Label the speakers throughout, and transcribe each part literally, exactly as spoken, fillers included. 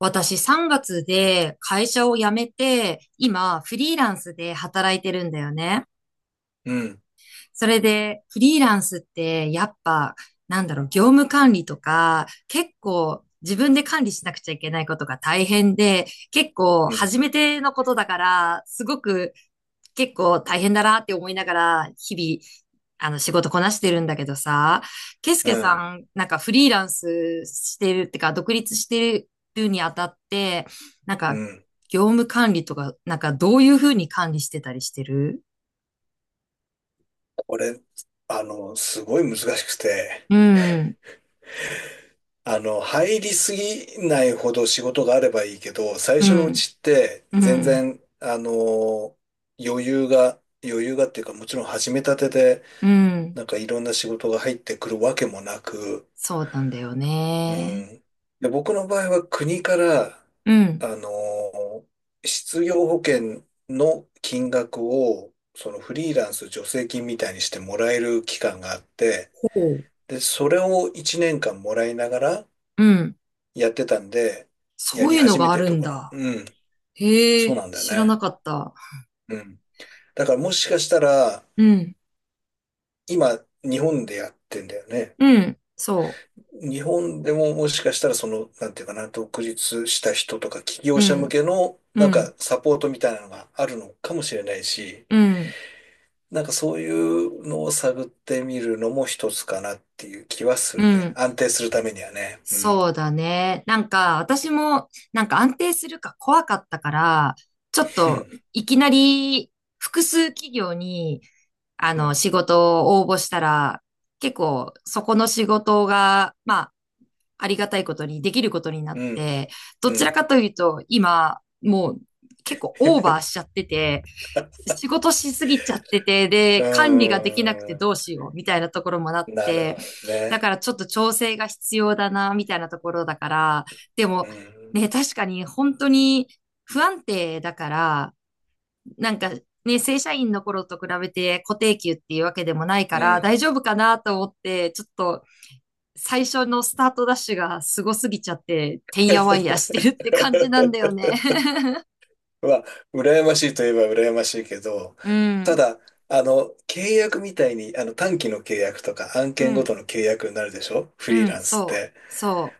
Speaker 1: 私さんがつで会社を辞めて、今フリーランスで働いてるんだよね。
Speaker 2: うん、
Speaker 1: それで、フリーランスって、やっぱ、なんだろう、業務管理とか、結構、自分で管理しなくちゃいけないことが大変で、結構、
Speaker 2: うん、
Speaker 1: 初めてのことだから、すごく、結構大変だなって思いながら、日々、あの、仕事こなしてるんだけどさ、ケイス
Speaker 2: う
Speaker 1: ケさ
Speaker 2: ん、
Speaker 1: ん、なんかフリーランスしてるってか、独立してるにあたって、なん
Speaker 2: う
Speaker 1: か、
Speaker 2: ん。
Speaker 1: 業務管理とか、なんか、どういうふうに管理してたりしてる？
Speaker 2: これ、あの、すごい難しくて、
Speaker 1: うん、
Speaker 2: あの、入りすぎないほど仕事があればいいけど、最
Speaker 1: う
Speaker 2: 初のう
Speaker 1: ん。
Speaker 2: ちって
Speaker 1: う
Speaker 2: 全
Speaker 1: ん、
Speaker 2: 然、あの、余裕が、余裕がっていうか、もちろん始めたてで、
Speaker 1: うん。
Speaker 2: なんかいろんな仕事が入ってくるわけもなく、
Speaker 1: そうなんだよ
Speaker 2: う
Speaker 1: ね。
Speaker 2: ん。で、僕の場合は国から、
Speaker 1: うん、
Speaker 2: あのー失業保険の金額を、そのフリーランス助成金みたいにしてもらえる期間があって、
Speaker 1: ほう。
Speaker 2: で、それをいちねんかんもらいながら
Speaker 1: うん。
Speaker 2: やってたんで、や
Speaker 1: そう
Speaker 2: り
Speaker 1: いうの
Speaker 2: 始め
Speaker 1: があ
Speaker 2: てる
Speaker 1: る
Speaker 2: と
Speaker 1: ん
Speaker 2: ころな。
Speaker 1: だ。
Speaker 2: うん。
Speaker 1: へ
Speaker 2: そう
Speaker 1: え、
Speaker 2: なんだよ
Speaker 1: 知らな
Speaker 2: ね。
Speaker 1: かった。
Speaker 2: うん。だからもしかしたら、
Speaker 1: うん、
Speaker 2: 今、日本でやってんだよね。
Speaker 1: うん、そ
Speaker 2: 日本でももしかしたらその、なんていうかな、独立した人とか起
Speaker 1: う。
Speaker 2: 業
Speaker 1: う
Speaker 2: 者向
Speaker 1: ん、
Speaker 2: けの、
Speaker 1: う
Speaker 2: なんか
Speaker 1: ん、
Speaker 2: サポートみたいなのがあるのかもしれないし、
Speaker 1: うん、
Speaker 2: なんかそういうのを探ってみるのも一つかなっていう気はす
Speaker 1: う
Speaker 2: るね。
Speaker 1: ん。
Speaker 2: 安定するためにはね。うん。
Speaker 1: そうだね。なんか、私も、なんか安定するか怖かったから、ちょっと、いきなり、複数企業に、あ
Speaker 2: う
Speaker 1: の、
Speaker 2: ん。
Speaker 1: 仕事を応募したら、結構、そこの仕事が、まあ、ありがたいことにできることになっ
Speaker 2: うん。
Speaker 1: て、ど
Speaker 2: う
Speaker 1: ちら
Speaker 2: ん。
Speaker 1: かというと、今、もう結構オーバーしちゃってて、仕事しすぎちゃってて、
Speaker 2: う
Speaker 1: で、管理ができなくてどう
Speaker 2: ー
Speaker 1: しようみたいなところもなっ
Speaker 2: んなるほ
Speaker 1: て、
Speaker 2: ど
Speaker 1: だ
Speaker 2: ね。
Speaker 1: からちょっと調整が必要だな、みたいなところだから、で
Speaker 2: う
Speaker 1: も、
Speaker 2: ん。
Speaker 1: ね、確かに本当に不安定だから、なんかね、正社員の頃と比べて固定給っていうわけでもないか
Speaker 2: う
Speaker 1: ら
Speaker 2: ん。
Speaker 1: 大丈夫かなと思って、ちょっと最初のスタートダッシュがすごすぎちゃって、てんやわんやしてるって感じなんだよ ね。
Speaker 2: は、羨ましいといえば羨ましいけど、
Speaker 1: う
Speaker 2: た
Speaker 1: ん、
Speaker 2: だ、あの、契約みたいに、あの、短期の契約とか案
Speaker 1: う
Speaker 2: 件ご
Speaker 1: ん、
Speaker 2: との契約になるでしょフリ
Speaker 1: う
Speaker 2: ー
Speaker 1: ん、
Speaker 2: ランスっ
Speaker 1: そ
Speaker 2: て？
Speaker 1: う、そ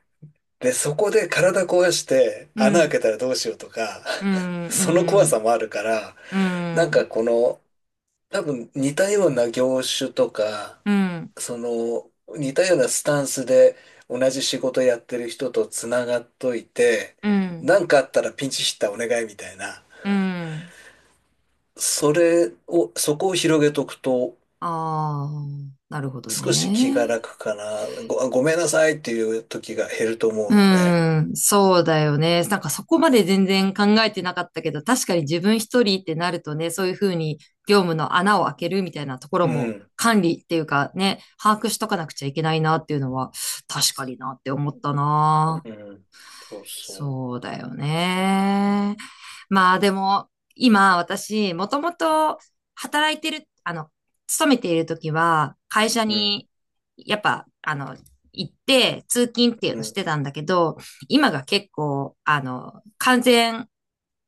Speaker 2: で、そこで体壊して
Speaker 1: う、う
Speaker 2: 穴開
Speaker 1: ん、
Speaker 2: けたらどうしようとか、
Speaker 1: う ん、う
Speaker 2: その怖
Speaker 1: ん、
Speaker 2: さもあるから、
Speaker 1: う
Speaker 2: なん
Speaker 1: ん、
Speaker 2: かこの、多分似たような業種とか、
Speaker 1: うん、
Speaker 2: その、似たようなスタンスで同じ仕事やってる人とつながっといて、
Speaker 1: うん、
Speaker 2: なんかあったらピンチヒッターお願いみたいな。
Speaker 1: うん。
Speaker 2: それを、そこを広げとくと、
Speaker 1: ああ、なるほど
Speaker 2: 少し気
Speaker 1: ね。
Speaker 2: が楽かな。ご、ごめんなさいっていう時が減ると
Speaker 1: う
Speaker 2: 思うので。
Speaker 1: ーん、
Speaker 2: う
Speaker 1: そうだよね。なんかそこまで全然考えてなかったけど、確かに自分一人ってなるとね、そういうふうに業務の穴を開けるみたいなところも
Speaker 2: ん。
Speaker 1: 管理っていうかね、把握しとかなくちゃいけないなっていうのは、確かになって思った
Speaker 2: う
Speaker 1: な。
Speaker 2: ん。そうそ
Speaker 1: そうだよね。まあでも、今私、もともと働いてる、あの、勤めている時は、会社
Speaker 2: う。うん。
Speaker 1: に、やっぱ、あの、行って、通勤っていう
Speaker 2: う
Speaker 1: のし
Speaker 2: ん。
Speaker 1: てたんだけど、今が結構、あの、完全、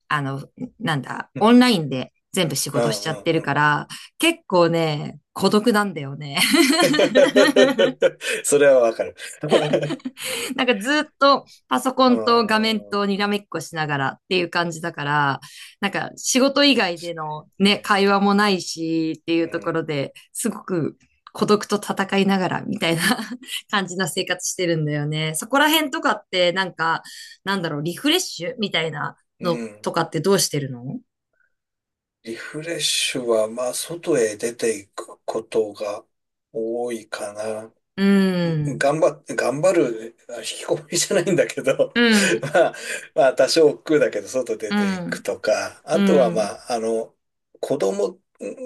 Speaker 1: あの、なんだ、
Speaker 2: う
Speaker 1: オン
Speaker 2: ん。
Speaker 1: ラインで全部仕
Speaker 2: う
Speaker 1: 事しちゃっ
Speaker 2: ん。
Speaker 1: て
Speaker 2: う
Speaker 1: る
Speaker 2: ん。
Speaker 1: から、結構ね、孤独なんだよね。
Speaker 2: それはわかる。
Speaker 1: なんかずっとパソコ
Speaker 2: う
Speaker 1: ンと画面とに
Speaker 2: ん。
Speaker 1: らめっこしながらっていう感じだから、なんか仕事以外でのね、会話
Speaker 2: ね
Speaker 1: もないしってい
Speaker 2: う
Speaker 1: うとこ
Speaker 2: ん。
Speaker 1: ろですごく孤独と戦いながらみたいな 感じな生活してるんだよね。そこら辺とかってなんか、なんだろう、リフレッシュみたいな
Speaker 2: う
Speaker 1: の
Speaker 2: ん。
Speaker 1: とかってどうしてるの？
Speaker 2: リフレッシュは、まあ、外へ出ていくことが多いかな。
Speaker 1: うん、
Speaker 2: 頑張っ、頑張る、あ引きこもりじゃないんだけど、
Speaker 1: う ん、
Speaker 2: まあ、まあ、多少億劫だけど、外出
Speaker 1: う
Speaker 2: ていく
Speaker 1: ん、
Speaker 2: とか、
Speaker 1: う
Speaker 2: あとはま
Speaker 1: ん、
Speaker 2: あ、あの、子供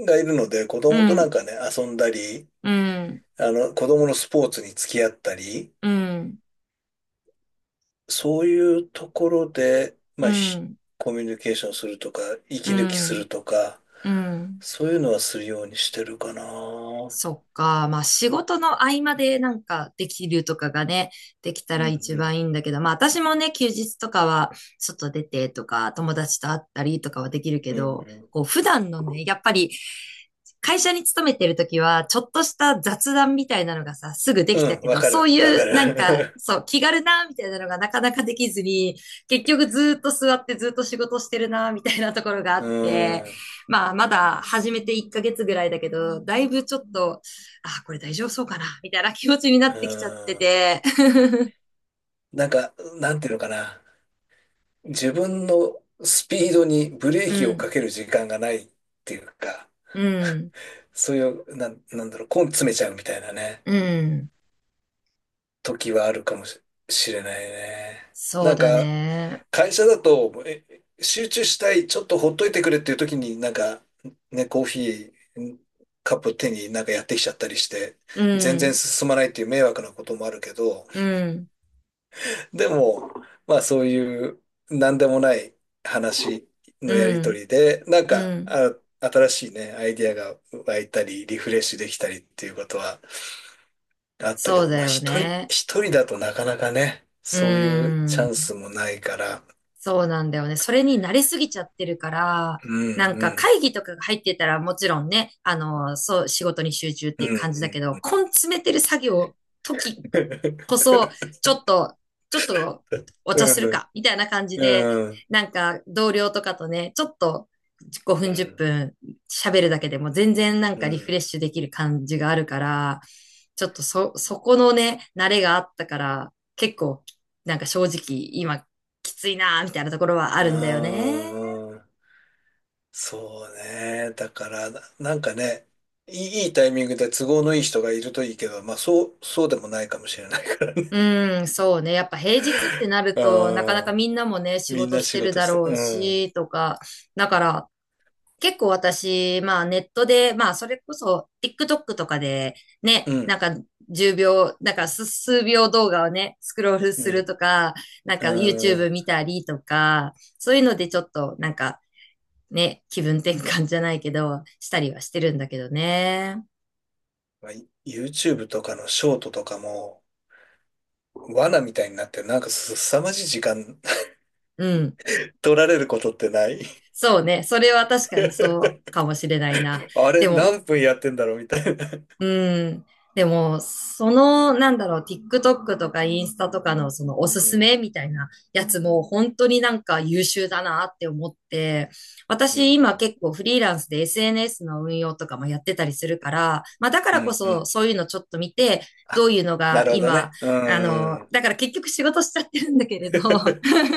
Speaker 2: がいるので、子
Speaker 1: う
Speaker 2: 供となん
Speaker 1: ん、
Speaker 2: かね、遊んだり、
Speaker 1: うん、
Speaker 2: あの、子供のスポーツに付き合ったり、
Speaker 1: うん、うん、
Speaker 2: そういうところで、まあ、ひコミュニケーションするとか、
Speaker 1: う
Speaker 2: 息抜きす
Speaker 1: ん、
Speaker 2: るとか、
Speaker 1: うん。
Speaker 2: そういうのはするようにしてるかな。うん
Speaker 1: そっか。まあ仕事の合間でなんかできるとかがね、できた
Speaker 2: う
Speaker 1: ら一番
Speaker 2: ん、
Speaker 1: いいんだけど、まあ私もね、休日とかは外出てとか、友達と会ったりとかはできるけ
Speaker 2: うんう
Speaker 1: ど、
Speaker 2: ん。
Speaker 1: こう普段のね、やっぱり会社に勤めてるときは、ちょっとした雑談みたいなのがさ、すぐで
Speaker 2: う
Speaker 1: きた
Speaker 2: ん、
Speaker 1: け
Speaker 2: わ
Speaker 1: ど、
Speaker 2: か
Speaker 1: そう
Speaker 2: る、わ
Speaker 1: い
Speaker 2: か
Speaker 1: うなんか、
Speaker 2: る。
Speaker 1: そう、気軽な、みたいなのがなかなかできずに、結局ずーっと座ってずーっと仕事してるな、みたいなところがあ
Speaker 2: う
Speaker 1: って、
Speaker 2: ん。
Speaker 1: まあ、まだ始めていっかげつぐらいだけど、だいぶちょっと、あ、これ大丈夫そうかな、みたいな気持ちにな
Speaker 2: う
Speaker 1: ってきちゃって
Speaker 2: ん。
Speaker 1: て。
Speaker 2: なんか、なんていうのかな。自分のスピードにブレー
Speaker 1: う
Speaker 2: キをか
Speaker 1: ん、
Speaker 2: ける時間がないっていうか、
Speaker 1: うん、
Speaker 2: そういう、なん、なんだろう、根詰めちゃうみたいなね、
Speaker 1: うん。
Speaker 2: 時はあるかもし、しれないね。
Speaker 1: そう
Speaker 2: なん
Speaker 1: だ
Speaker 2: か、
Speaker 1: ね。
Speaker 2: 会社だと、え、集中したい、ちょっとほっといてくれっていう時に、なんか、ね、コーヒー、カップ手になんかやってきちゃったりして、
Speaker 1: う
Speaker 2: 全然
Speaker 1: ん、
Speaker 2: 進まないっていう迷惑なこともあるけど、
Speaker 1: うん、
Speaker 2: でも、まあそういう何でもない話
Speaker 1: う
Speaker 2: のやりと
Speaker 1: ん、
Speaker 2: りで、なん
Speaker 1: う
Speaker 2: か、
Speaker 1: ん。
Speaker 2: あ、新しいね、アイディアが湧いたり、リフレッシュできたりっていうことはあったけ
Speaker 1: そう
Speaker 2: ど、
Speaker 1: だ
Speaker 2: まあ
Speaker 1: よ
Speaker 2: 一人、
Speaker 1: ね。
Speaker 2: 一人だとなかなかね、
Speaker 1: う
Speaker 2: そういうチャン
Speaker 1: ん。
Speaker 2: スもないから、
Speaker 1: そうなんだよね。それに慣れすぎちゃってるから、
Speaker 2: う
Speaker 1: なん
Speaker 2: ん、う
Speaker 1: か
Speaker 2: ん、
Speaker 1: 会議とかが入ってたらもちろんね、あの、そう、仕事に集中っ
Speaker 2: う
Speaker 1: ていう
Speaker 2: ん、
Speaker 1: 感じだけ
Speaker 2: う
Speaker 1: ど、
Speaker 2: ん。
Speaker 1: 根詰めてる作業、時こ そ、ちょっと、ちょっとお茶する
Speaker 2: うん、
Speaker 1: か、みたいな感じで、
Speaker 2: うん、
Speaker 1: なんか同僚とかとね、ちょっと5
Speaker 2: う
Speaker 1: 分10
Speaker 2: ん、
Speaker 1: 分喋るだけでも全然なん
Speaker 2: う
Speaker 1: かリフレ
Speaker 2: ん。
Speaker 1: ッシュできる感じがあるから、ちょっとそ、そこのね、慣れがあったから、結構、なんか正直、今、きついなーみたいなところはあ
Speaker 2: あ
Speaker 1: るんだよね。
Speaker 2: ーそうね。だから、ななんかね、いい、いいタイミングで都合のいい人がいるといいけど、まあそう、そうでもないかもしれないからね。
Speaker 1: うん、そうね。やっぱ平日って なると、なかな
Speaker 2: あ
Speaker 1: か
Speaker 2: あ、
Speaker 1: みんなもね、仕
Speaker 2: みん
Speaker 1: 事
Speaker 2: な
Speaker 1: し
Speaker 2: 仕
Speaker 1: てる
Speaker 2: 事
Speaker 1: だ
Speaker 2: して。
Speaker 1: ろう
Speaker 2: うん。
Speaker 1: し、とか。だから、結構私、まあネットで、まあそれこそ TikTok とかで、
Speaker 2: う
Speaker 1: ね、
Speaker 2: ん。
Speaker 1: なんかじゅうびょう、なんか数数秒動画をね、スクロールす
Speaker 2: う
Speaker 1: る
Speaker 2: ん。
Speaker 1: とか、なんか
Speaker 2: う
Speaker 1: YouTube
Speaker 2: ん。
Speaker 1: 見たりとか、そういうのでちょっとなんかね、気分転換じゃないけど、したりはしてるんだけどね。
Speaker 2: まあ、ユーチューブ とかのショートとかも、罠みたいになって、なんかすさまじい時間
Speaker 1: うん。
Speaker 2: 取られることってない？
Speaker 1: そうね。それは確かにそう かもしれないな。
Speaker 2: あれ、
Speaker 1: でも、
Speaker 2: 何分やってんだろうみたいな。
Speaker 1: うん。でも、その、なんだろう、TikTok とかインスタとかのそのおす
Speaker 2: う
Speaker 1: す
Speaker 2: ん。
Speaker 1: めみたいなやつも本当になんか優秀だなって思って、
Speaker 2: う
Speaker 1: 私今
Speaker 2: ん。
Speaker 1: 結構フリーランスで エスエヌエス の運用とかもやってたりするから、まあだか
Speaker 2: う
Speaker 1: らこ
Speaker 2: ん。うん。う
Speaker 1: そ
Speaker 2: ん。
Speaker 1: そういうのちょっと見て、ど
Speaker 2: あ、
Speaker 1: ういうの
Speaker 2: な
Speaker 1: が
Speaker 2: るほど
Speaker 1: 今、
Speaker 2: ね。
Speaker 1: あ
Speaker 2: う
Speaker 1: の、
Speaker 2: ん。
Speaker 1: だから結局仕事しちゃってるんだけれど、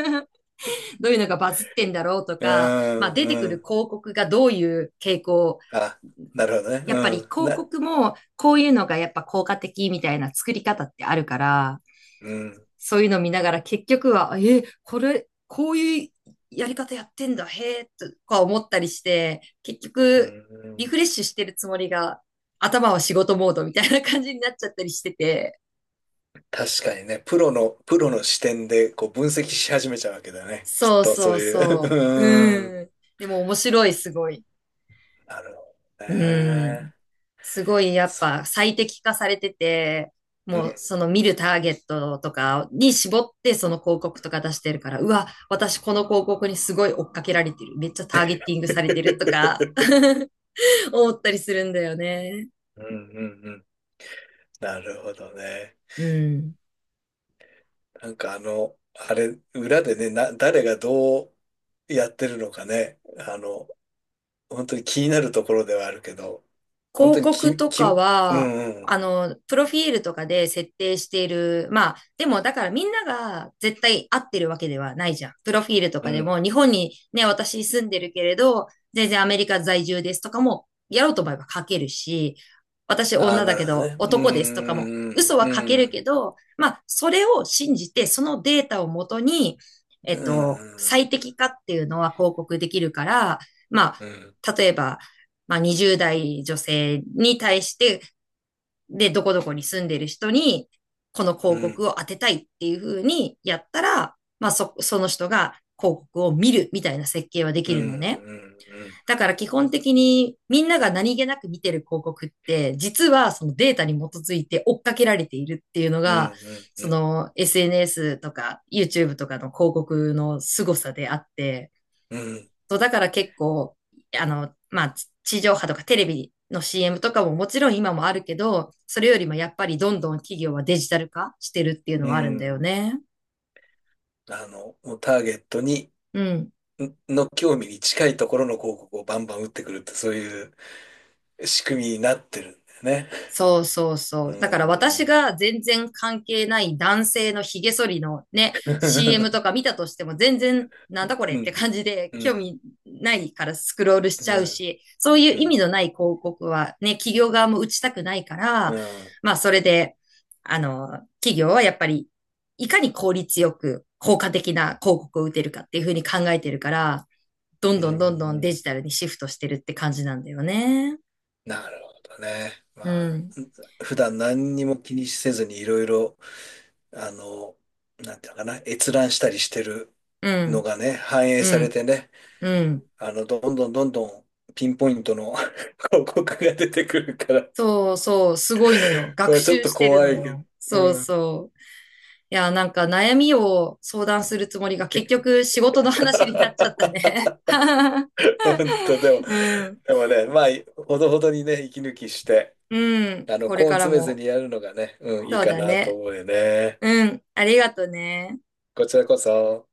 Speaker 1: どういうのがバズってんだろうと
Speaker 2: う
Speaker 1: か、まあ出てく
Speaker 2: ん。う
Speaker 1: る
Speaker 2: ん。
Speaker 1: 広告がどういう傾向、
Speaker 2: あ、なるほどね。
Speaker 1: やっぱり
Speaker 2: うん。
Speaker 1: 広
Speaker 2: な、
Speaker 1: 告もこういうのがやっぱ効果的みたいな作り方ってあるから、
Speaker 2: うん。
Speaker 1: そういうの見ながら結局は、え、これ、こういうやり方やってんだ、へえ、とか思ったりして、結
Speaker 2: う
Speaker 1: 局リ
Speaker 2: ん。
Speaker 1: フレッシュしてるつもりが頭は仕事モードみたいな感じになっちゃったりしてて、
Speaker 2: 確かにね、プロの、プロの視点でこう分析し始めちゃうわけだね。きっ
Speaker 1: そう
Speaker 2: とそ
Speaker 1: そ
Speaker 2: う
Speaker 1: う
Speaker 2: いう。
Speaker 1: そう。
Speaker 2: うん。
Speaker 1: うん。でも面白い、すごい。
Speaker 2: なるほど
Speaker 1: うん。
Speaker 2: ね。
Speaker 1: すごいやっ
Speaker 2: そ
Speaker 1: ぱ最適化されてて、
Speaker 2: う
Speaker 1: も
Speaker 2: ん。
Speaker 1: うその見るターゲットとかに絞ってその広告とか出してるから、うわ、私この広告にすごい追っかけられてる。めっちゃターゲティングされてるとか 思ったりするんだよね。
Speaker 2: うんうんうん。なるほどね。
Speaker 1: うん。
Speaker 2: なんかあの、あれ、裏でね、な、誰がどうやってるのかね。あの、本当に気になるところではあるけど、本当
Speaker 1: 広
Speaker 2: に
Speaker 1: 告
Speaker 2: き、
Speaker 1: と
Speaker 2: き、う
Speaker 1: か
Speaker 2: ん
Speaker 1: は、
Speaker 2: う
Speaker 1: あ
Speaker 2: ん。
Speaker 1: の、プロフィールとかで設定している。まあ、でもだからみんなが絶対合ってるわけではないじゃん。プロフィールと
Speaker 2: う
Speaker 1: かで
Speaker 2: ん
Speaker 1: も、日本にね、私住んでるけれど、全然アメリカ在住ですとかも、やろうと思えば書けるし、私
Speaker 2: ああ、
Speaker 1: 女だ
Speaker 2: なる
Speaker 1: け
Speaker 2: ほど
Speaker 1: ど
Speaker 2: ね。う
Speaker 1: 男ですとかも、
Speaker 2: ーん、
Speaker 1: 嘘は書ける
Speaker 2: う
Speaker 1: け
Speaker 2: ん、
Speaker 1: ど、まあ、それを信じて、そのデータをもとに、え
Speaker 2: う
Speaker 1: っと、
Speaker 2: ん、
Speaker 1: 最適化っていうのは広告できるから、ま
Speaker 2: うん、
Speaker 1: あ、例えば、まあ、にじゅうだい代女性に対して、で、どこどこに住んでる人に、この
Speaker 2: う
Speaker 1: 広
Speaker 2: ん、うん、
Speaker 1: 告を当てたいっていう風にやったら、まあ、そ、その人が広告を見るみたいな設計はで
Speaker 2: う
Speaker 1: き
Speaker 2: ん、
Speaker 1: るのね。
Speaker 2: うん、
Speaker 1: だから基本的にみんなが何気なく見てる広告って、実はそのデータに基づいて追っかけられているっていうの
Speaker 2: うん、
Speaker 1: が、
Speaker 2: うん、う
Speaker 1: そ
Speaker 2: ん、
Speaker 1: の エスエヌエス とか YouTube とかの広告の凄さであって、
Speaker 2: うん、
Speaker 1: そう、だから結構、あの、まあ、地地上波とかテレビの シーエム とかももちろん今もあるけど、それよりもやっぱりどんどん企業はデジタル化してるっていうの
Speaker 2: う
Speaker 1: はあるんだよ
Speaker 2: ん
Speaker 1: ね。
Speaker 2: あの、もうターゲットに、
Speaker 1: うん。
Speaker 2: の興味に近いところの広告をバンバン打ってくるって、そういう仕組みになってるんだよね。
Speaker 1: そうそう
Speaker 2: う
Speaker 1: そう。だから
Speaker 2: ー
Speaker 1: 私
Speaker 2: ん、
Speaker 1: が全然関係ない男性の髭剃りのね、シーエム とか 見たとしても全然なんだこれっ
Speaker 2: う
Speaker 1: て
Speaker 2: ん、
Speaker 1: 感じで
Speaker 2: う
Speaker 1: 興
Speaker 2: ん、
Speaker 1: 味ないからスクロールしち
Speaker 2: う
Speaker 1: ゃう
Speaker 2: ん、
Speaker 1: し、そういう
Speaker 2: う
Speaker 1: 意味
Speaker 2: ん、
Speaker 1: のない広告はね、企業側も打ちたくないから、
Speaker 2: うん、
Speaker 1: まあそれで、あの、企業はやっぱりいかに効率よく効果的な広告を打てるかっていうふうに考えてるから、どん
Speaker 2: う
Speaker 1: どんどんどんデ
Speaker 2: ん
Speaker 1: ジタルにシフトしてるって感じなんだよね。
Speaker 2: なるほどね。
Speaker 1: う
Speaker 2: まあ、
Speaker 1: ん、
Speaker 2: 普段何にも気にせずにいろいろあの、なんていうのかな、閲覧したりしてる
Speaker 1: う
Speaker 2: の
Speaker 1: ん、
Speaker 2: がね、反映
Speaker 1: う
Speaker 2: され
Speaker 1: ん。
Speaker 2: てね、
Speaker 1: うん。
Speaker 2: あの、どんどんどんどんピンポイントの 広告が出てくるから、
Speaker 1: そうそう、すごいのよ。学
Speaker 2: まあちょっ
Speaker 1: 習
Speaker 2: と
Speaker 1: してる
Speaker 2: 怖
Speaker 1: の
Speaker 2: いけど、
Speaker 1: よ。そう
Speaker 2: うん。
Speaker 1: そう。いや、なんか悩みを相談するつもりが結局仕事の話になっちゃったね。
Speaker 2: 本当、でも、
Speaker 1: うん。
Speaker 2: でもね、まあ、ほどほどにね、息抜きして、
Speaker 1: うん。
Speaker 2: あの、
Speaker 1: これ
Speaker 2: 根
Speaker 1: から
Speaker 2: 詰めず
Speaker 1: も。
Speaker 2: にやるのがね、うん、いい
Speaker 1: そう
Speaker 2: か
Speaker 1: だ
Speaker 2: なと
Speaker 1: ね。
Speaker 2: 思うよね。
Speaker 1: うん。ありがとね。
Speaker 2: こちらこそ。